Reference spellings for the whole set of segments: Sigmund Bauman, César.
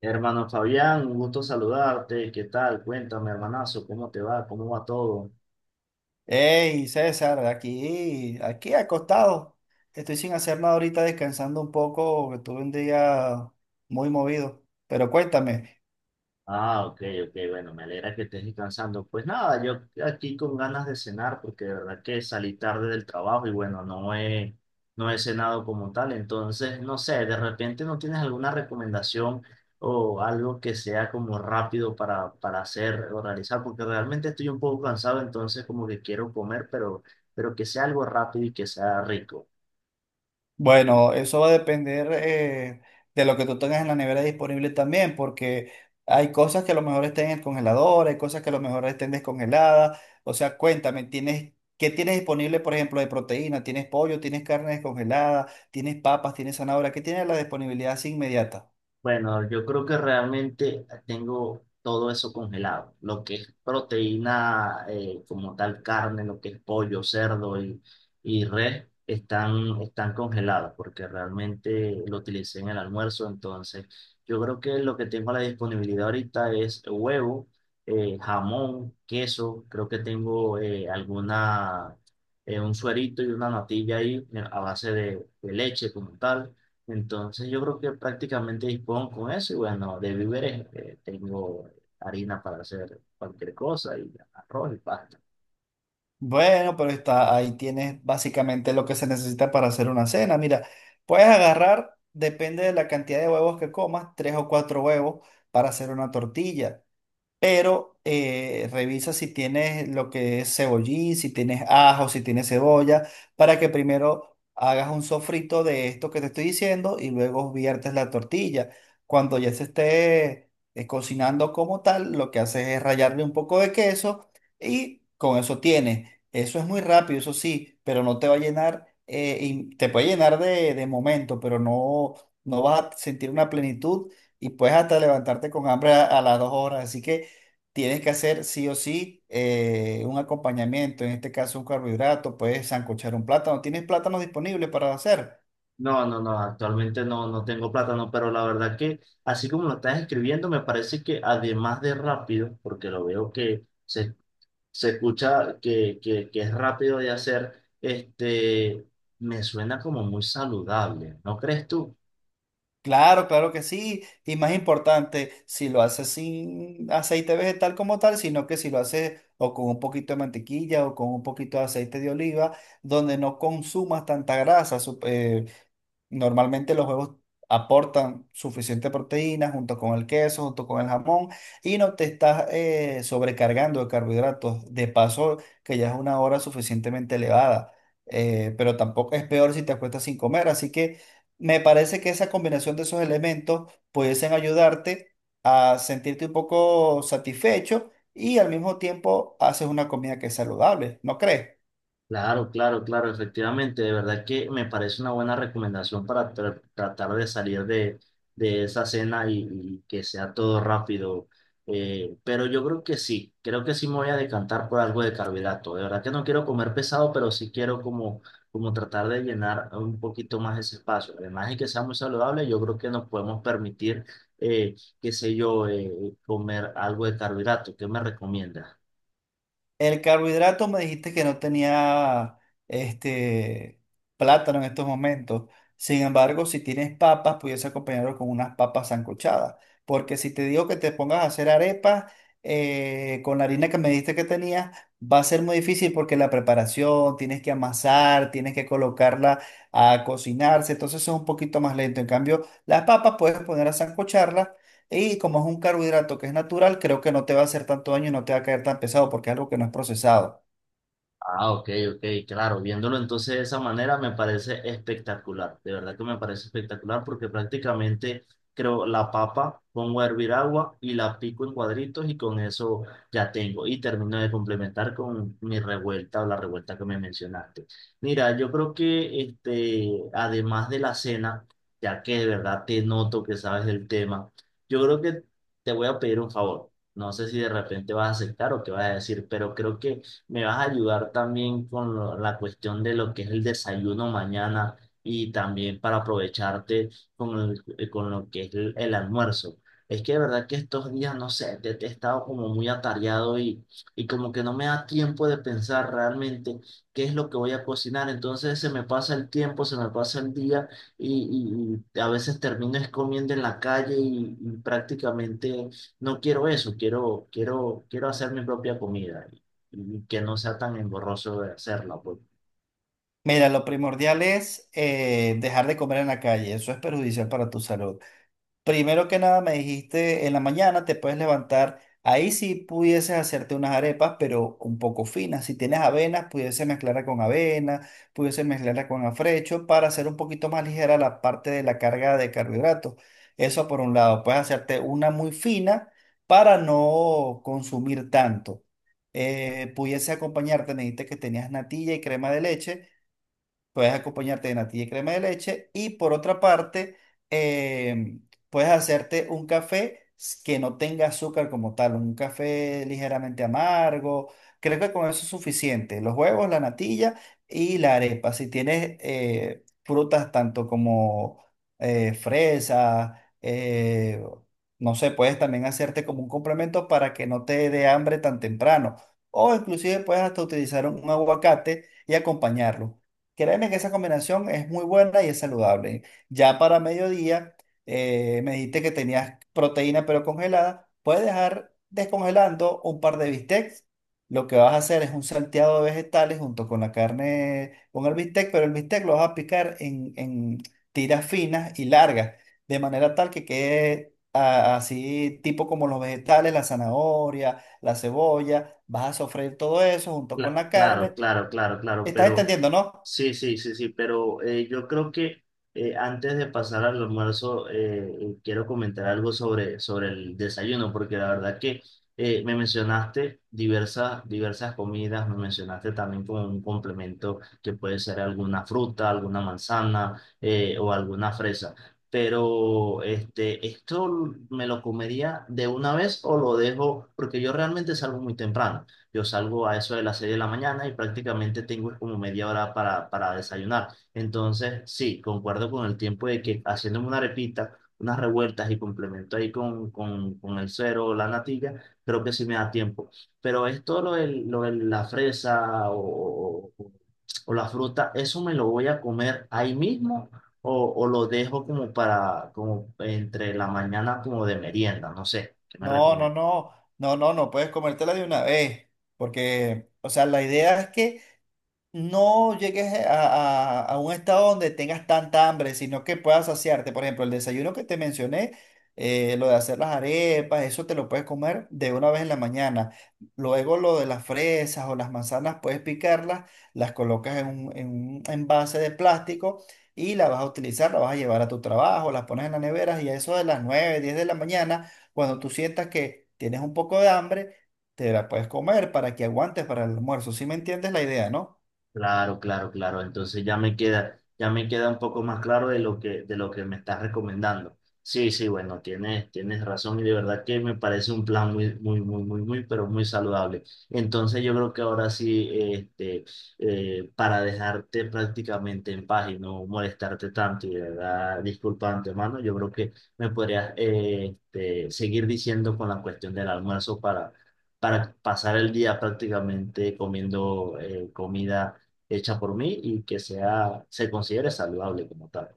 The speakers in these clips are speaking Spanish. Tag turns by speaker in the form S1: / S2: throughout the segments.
S1: Hermano Fabián, un gusto saludarte. ¿Qué tal? Cuéntame, hermanazo, ¿cómo te va? ¿Cómo va todo?
S2: Hey, César, aquí acostado. Estoy sin hacer nada ahorita, descansando un poco, que tuve un día muy movido. Pero cuéntame.
S1: Ah, ok, ok, bueno, me alegra que estés descansando. Pues nada, yo aquí con ganas de cenar porque de verdad que salí tarde del trabajo y bueno, no he cenado como tal. Entonces, no sé, de repente no tienes alguna recomendación o algo que sea como rápido para hacer o realizar, porque realmente estoy un poco cansado, entonces como que quiero comer, pero que sea algo rápido y que sea rico.
S2: Bueno, eso va a depender de lo que tú tengas en la nevera disponible también, porque hay cosas que a lo mejor estén en el congelador, hay cosas que a lo mejor estén descongeladas. O sea, cuéntame, ¿tienes, qué tienes disponible, por ejemplo, de proteína? ¿Tienes pollo? ¿Tienes carne descongelada? ¿Tienes papas? ¿Tienes zanahoria? ¿Qué tienes la disponibilidad así inmediata?
S1: Bueno, yo creo que realmente tengo todo eso congelado, lo que es proteína como tal carne, lo que es pollo, y res, están congelados porque realmente lo utilicé en el almuerzo, entonces yo creo que lo que tengo a la disponibilidad ahorita es huevo, jamón, queso, creo que tengo un suerito y una natilla ahí a base de leche como tal. Entonces yo creo que prácticamente dispongo con eso y bueno, de víveres tengo harina para hacer cualquier cosa y arroz y pasta.
S2: Bueno, pero está, ahí tienes básicamente lo que se necesita para hacer una cena. Mira, puedes agarrar, depende de la cantidad de huevos que comas, tres o cuatro huevos para hacer una tortilla pero revisa si tienes lo que es cebollín, si tienes ajo, si tienes cebolla, para que primero hagas un sofrito de esto que te estoy diciendo y luego viertes la tortilla. Cuando ya se esté cocinando como tal, lo que haces es rallarle un poco de queso y con eso tienes. Eso es muy rápido, eso sí, pero no te va a llenar, y te puede llenar de momento, pero no, no vas a sentir una plenitud y puedes hasta levantarte con hambre a las dos horas. Así que tienes que hacer sí o sí un acompañamiento, en este caso un carbohidrato, puedes sancochar un plátano. ¿Tienes plátano disponible para hacer?
S1: No, no, no, actualmente no, no tengo plátano, pero la verdad que así como lo estás escribiendo, me parece que además de rápido, porque lo veo se escucha que es rápido de hacer, este, me suena como muy saludable, ¿no crees tú?
S2: Claro, claro que sí. Y más importante, si lo haces sin aceite vegetal como tal, sino que si lo haces o con un poquito de mantequilla o con un poquito de aceite de oliva, donde no consumas tanta grasa. Normalmente los huevos aportan suficiente proteína junto con el queso, junto con el jamón y no te estás sobrecargando de carbohidratos. De paso, que ya es una hora suficientemente elevada, pero tampoco es peor si te acuestas sin comer. Así que me parece que esa combinación de esos elementos pudiesen ayudarte a sentirte un poco satisfecho y al mismo tiempo haces una comida que es saludable, ¿no crees?
S1: Claro, claro, claro, efectivamente, de verdad que me parece una buena recomendación para tratar de salir de esa cena y que sea todo rápido. Pero yo creo que sí me voy a decantar por algo de carbohidrato. De verdad que no quiero comer pesado, pero sí quiero como, como tratar de llenar un poquito más ese espacio. Además de que sea muy saludable, yo creo que nos podemos permitir, eh, qué sé yo, comer algo de carbohidrato. ¿Qué me recomiendas?
S2: El carbohidrato me dijiste que no tenía este plátano en estos momentos. Sin embargo, si tienes papas, pudiese acompañarlo con unas papas sancochadas. Porque si te digo que te pongas a hacer arepas con la harina que me dijiste que tenías, va a ser muy difícil porque la preparación, tienes que amasar, tienes que colocarla a cocinarse, entonces es un poquito más lento. En cambio, las papas puedes poner a sancocharlas y como es un carbohidrato que es natural, creo que no te va a hacer tanto daño y no te va a caer tan pesado porque es algo que no es procesado.
S1: Ah, ok, ok, claro, viéndolo entonces de esa manera me parece espectacular, de verdad que me parece espectacular porque prácticamente creo la papa, pongo a hervir agua y la pico en cuadritos y con eso ya tengo y termino de complementar con mi revuelta o la revuelta que me mencionaste. Mira, yo creo que este, además de la cena, ya que de verdad te noto que sabes del tema, yo creo que te voy a pedir un favor, no sé si de repente vas a aceptar o qué vas a decir, pero creo que me vas a ayudar también con la cuestión de lo que es el desayuno mañana y también para aprovecharte con, con lo que es el almuerzo. Es que de verdad que estos días, no sé, te he estado como muy atareado y como que no me da tiempo de pensar realmente qué es lo que voy a cocinar. Entonces se me pasa el tiempo, se me pasa el día y, y a veces termino es comiendo en la calle y prácticamente no quiero eso, quiero, quiero, quiero hacer mi propia comida y que no sea tan engorroso de hacerla, pues.
S2: Mira, lo primordial es dejar de comer en la calle. Eso es perjudicial para tu salud. Primero que nada, me dijiste en la mañana te puedes levantar. Ahí sí pudieses hacerte unas arepas, pero un poco finas. Si tienes avenas, pudiese mezclarla con avena, pudiese mezclarla con afrecho para hacer un poquito más ligera la parte de la carga de carbohidratos. Eso por un lado, puedes hacerte una muy fina para no consumir tanto. Pudiese acompañarte, me dijiste que tenías natilla y crema de leche. Puedes acompañarte de natilla y crema de leche. Y por otra parte, puedes hacerte un café que no tenga azúcar como tal, un café ligeramente amargo. Creo que con eso es suficiente. Los huevos, la natilla y la arepa. Si tienes frutas tanto como fresa, no sé, puedes también hacerte como un complemento para que no te dé hambre tan temprano. O inclusive puedes hasta utilizar un aguacate y acompañarlo. Créeme que esa combinación es muy buena y es saludable. Ya para mediodía, me dijiste que tenías proteína pero congelada. Puedes dejar descongelando un par de bistecs. Lo que vas a hacer es un salteado de vegetales junto con la carne, con el bistec, pero el bistec lo vas a picar en tiras finas y largas, de manera tal que quede ah, así, tipo como los vegetales, la zanahoria, la cebolla. Vas a sofreír todo eso junto con la
S1: Claro,
S2: carne.
S1: claro, claro, claro,
S2: ¿Estás
S1: pero
S2: entendiendo, no?
S1: sí, sí, sí, sí, pero yo creo que antes de pasar al almuerzo quiero comentar algo sobre, sobre el desayuno, porque la verdad que me mencionaste diversas, diversas comidas, me mencionaste también como un complemento que puede ser alguna fruta, alguna manzana o alguna fresa, pero este, ¿esto me lo comería de una vez o lo dejo? Porque yo realmente salgo muy temprano. Yo salgo a eso de las 6 de la mañana y prácticamente tengo como media hora para desayunar. Entonces, sí, concuerdo con el tiempo de que haciéndome una arepita, unas revueltas y complemento ahí con, con el cero o la natilla, creo que sí me da tiempo. Pero esto, lo de la fresa o la fruta, ¿eso me lo voy a comer ahí mismo o lo dejo como para, como entre la mañana como de merienda? No sé, ¿qué me
S2: No, no,
S1: recomiendas?
S2: no, no, no, no puedes comértela de una vez, porque, o sea, la idea es que no llegues a, a un estado donde tengas tanta hambre, sino que puedas saciarte. Por ejemplo, el desayuno que te mencioné, lo de hacer las arepas, eso te lo puedes comer de una vez en la mañana. Luego lo de las fresas o las manzanas, puedes picarlas, las colocas en un envase de plástico y la vas a utilizar, la vas a llevar a tu trabajo, las pones en la nevera y a eso de las 9 10 de la mañana, cuando tú sientas que tienes un poco de hambre, te la puedes comer para que aguantes para el almuerzo. ¿Sí me entiendes la idea, no?
S1: Claro, claro, claro. Entonces ya me queda un poco más claro de lo que me estás recomendando. Sí, sí, bueno, tienes, tienes razón y de verdad que me parece un plan muy, muy, muy, muy, muy, pero muy saludable. Entonces yo creo que ahora sí, este, para dejarte prácticamente en paz y no molestarte tanto y de verdad, disculpa de antemano, yo creo que me podrías, este, seguir diciendo con la cuestión del almuerzo para pasar el día prácticamente comiendo comida hecha por mí y que sea, se considere saludable como tal.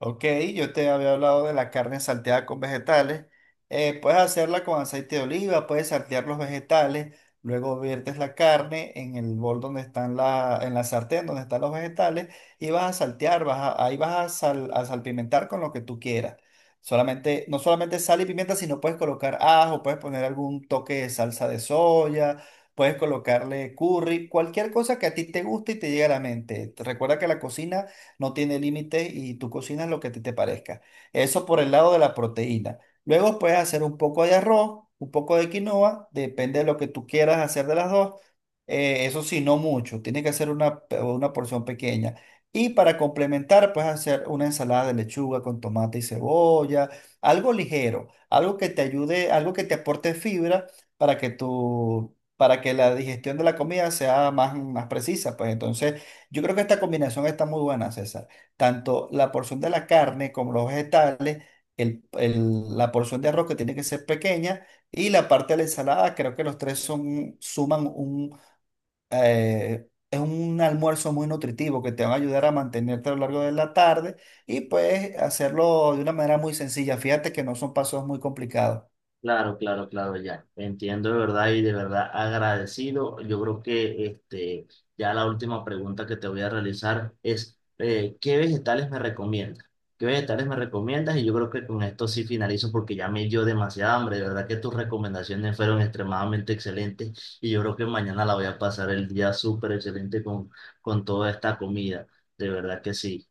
S2: Ok, yo te había hablado de la carne salteada con vegetales. Puedes hacerla con aceite de oliva, puedes saltear los vegetales, luego viertes la carne en el bol donde están la, en la sartén donde están los vegetales y vas a saltear, ahí vas a, a salpimentar con lo que tú quieras. Solamente, no solamente sal y pimienta, sino puedes colocar ajo, puedes poner algún toque de salsa de soya, puedes colocarle curry, cualquier cosa que a ti te guste y te llegue a la mente. Recuerda que la cocina no tiene límite y tú cocinas lo que a ti te parezca. Eso por el lado de la proteína. Luego puedes hacer un poco de arroz, un poco de quinoa, depende de lo que tú quieras hacer de las dos. Eso sí, no mucho, tiene que ser una, una porción pequeña. Y para complementar, puedes hacer una ensalada de lechuga con tomate y cebolla, algo ligero, algo que te ayude, algo que te aporte fibra para que tu, para que la digestión de la comida sea más, más precisa. Pues entonces, yo creo que esta combinación está muy buena, César. Tanto la porción de la carne como los vegetales, la porción de arroz que tiene que ser pequeña y la parte de la ensalada, creo que los tres son, suman un, es un almuerzo muy nutritivo que te van a ayudar a mantenerte a lo largo de la tarde y puedes hacerlo de una manera muy sencilla. Fíjate que no son pasos muy complicados.
S1: Claro, claro, claro, ya. Entiendo de verdad y de verdad agradecido. Yo creo que este, ya la última pregunta que te voy a realizar es, ¿qué vegetales me recomiendas? ¿Qué vegetales me recomiendas? Y yo creo que con esto sí finalizo porque ya me dio demasiada hambre. De verdad que tus recomendaciones fueron extremadamente excelentes y yo creo que mañana la voy a pasar el día súper excelente con toda esta comida. De verdad que sí.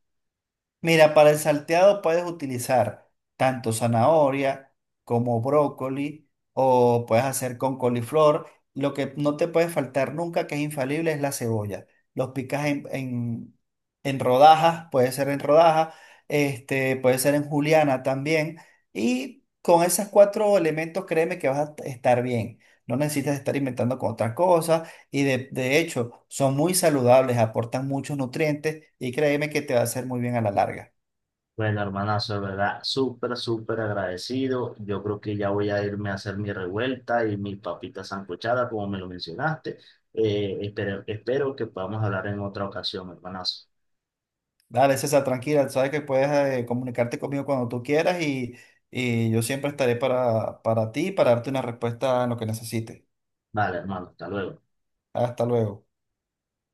S2: Mira, para el salteado puedes utilizar tanto zanahoria como brócoli o puedes hacer con coliflor. Lo que no te puede faltar nunca, que es infalible, es la cebolla. Los picas en rodajas, puede ser en rodajas, este, puede ser en juliana también. Y con esos cuatro elementos, créeme que vas a estar bien. No necesitas estar inventando con otras cosas y de hecho, son muy saludables, aportan muchos nutrientes y créeme que te va a hacer muy bien a la larga.
S1: Bueno, hermanazo, de verdad, súper, súper agradecido. Yo creo que ya voy a irme a hacer mi revuelta y mi papita sancochada como me lo mencionaste. Espero, espero que podamos hablar en otra ocasión, hermanazo.
S2: Dale, César, tranquila, sabes que puedes comunicarte conmigo cuando tú quieras y yo siempre estaré para ti y para darte una respuesta en lo que necesites.
S1: Vale, hermano, hasta luego.
S2: Hasta luego.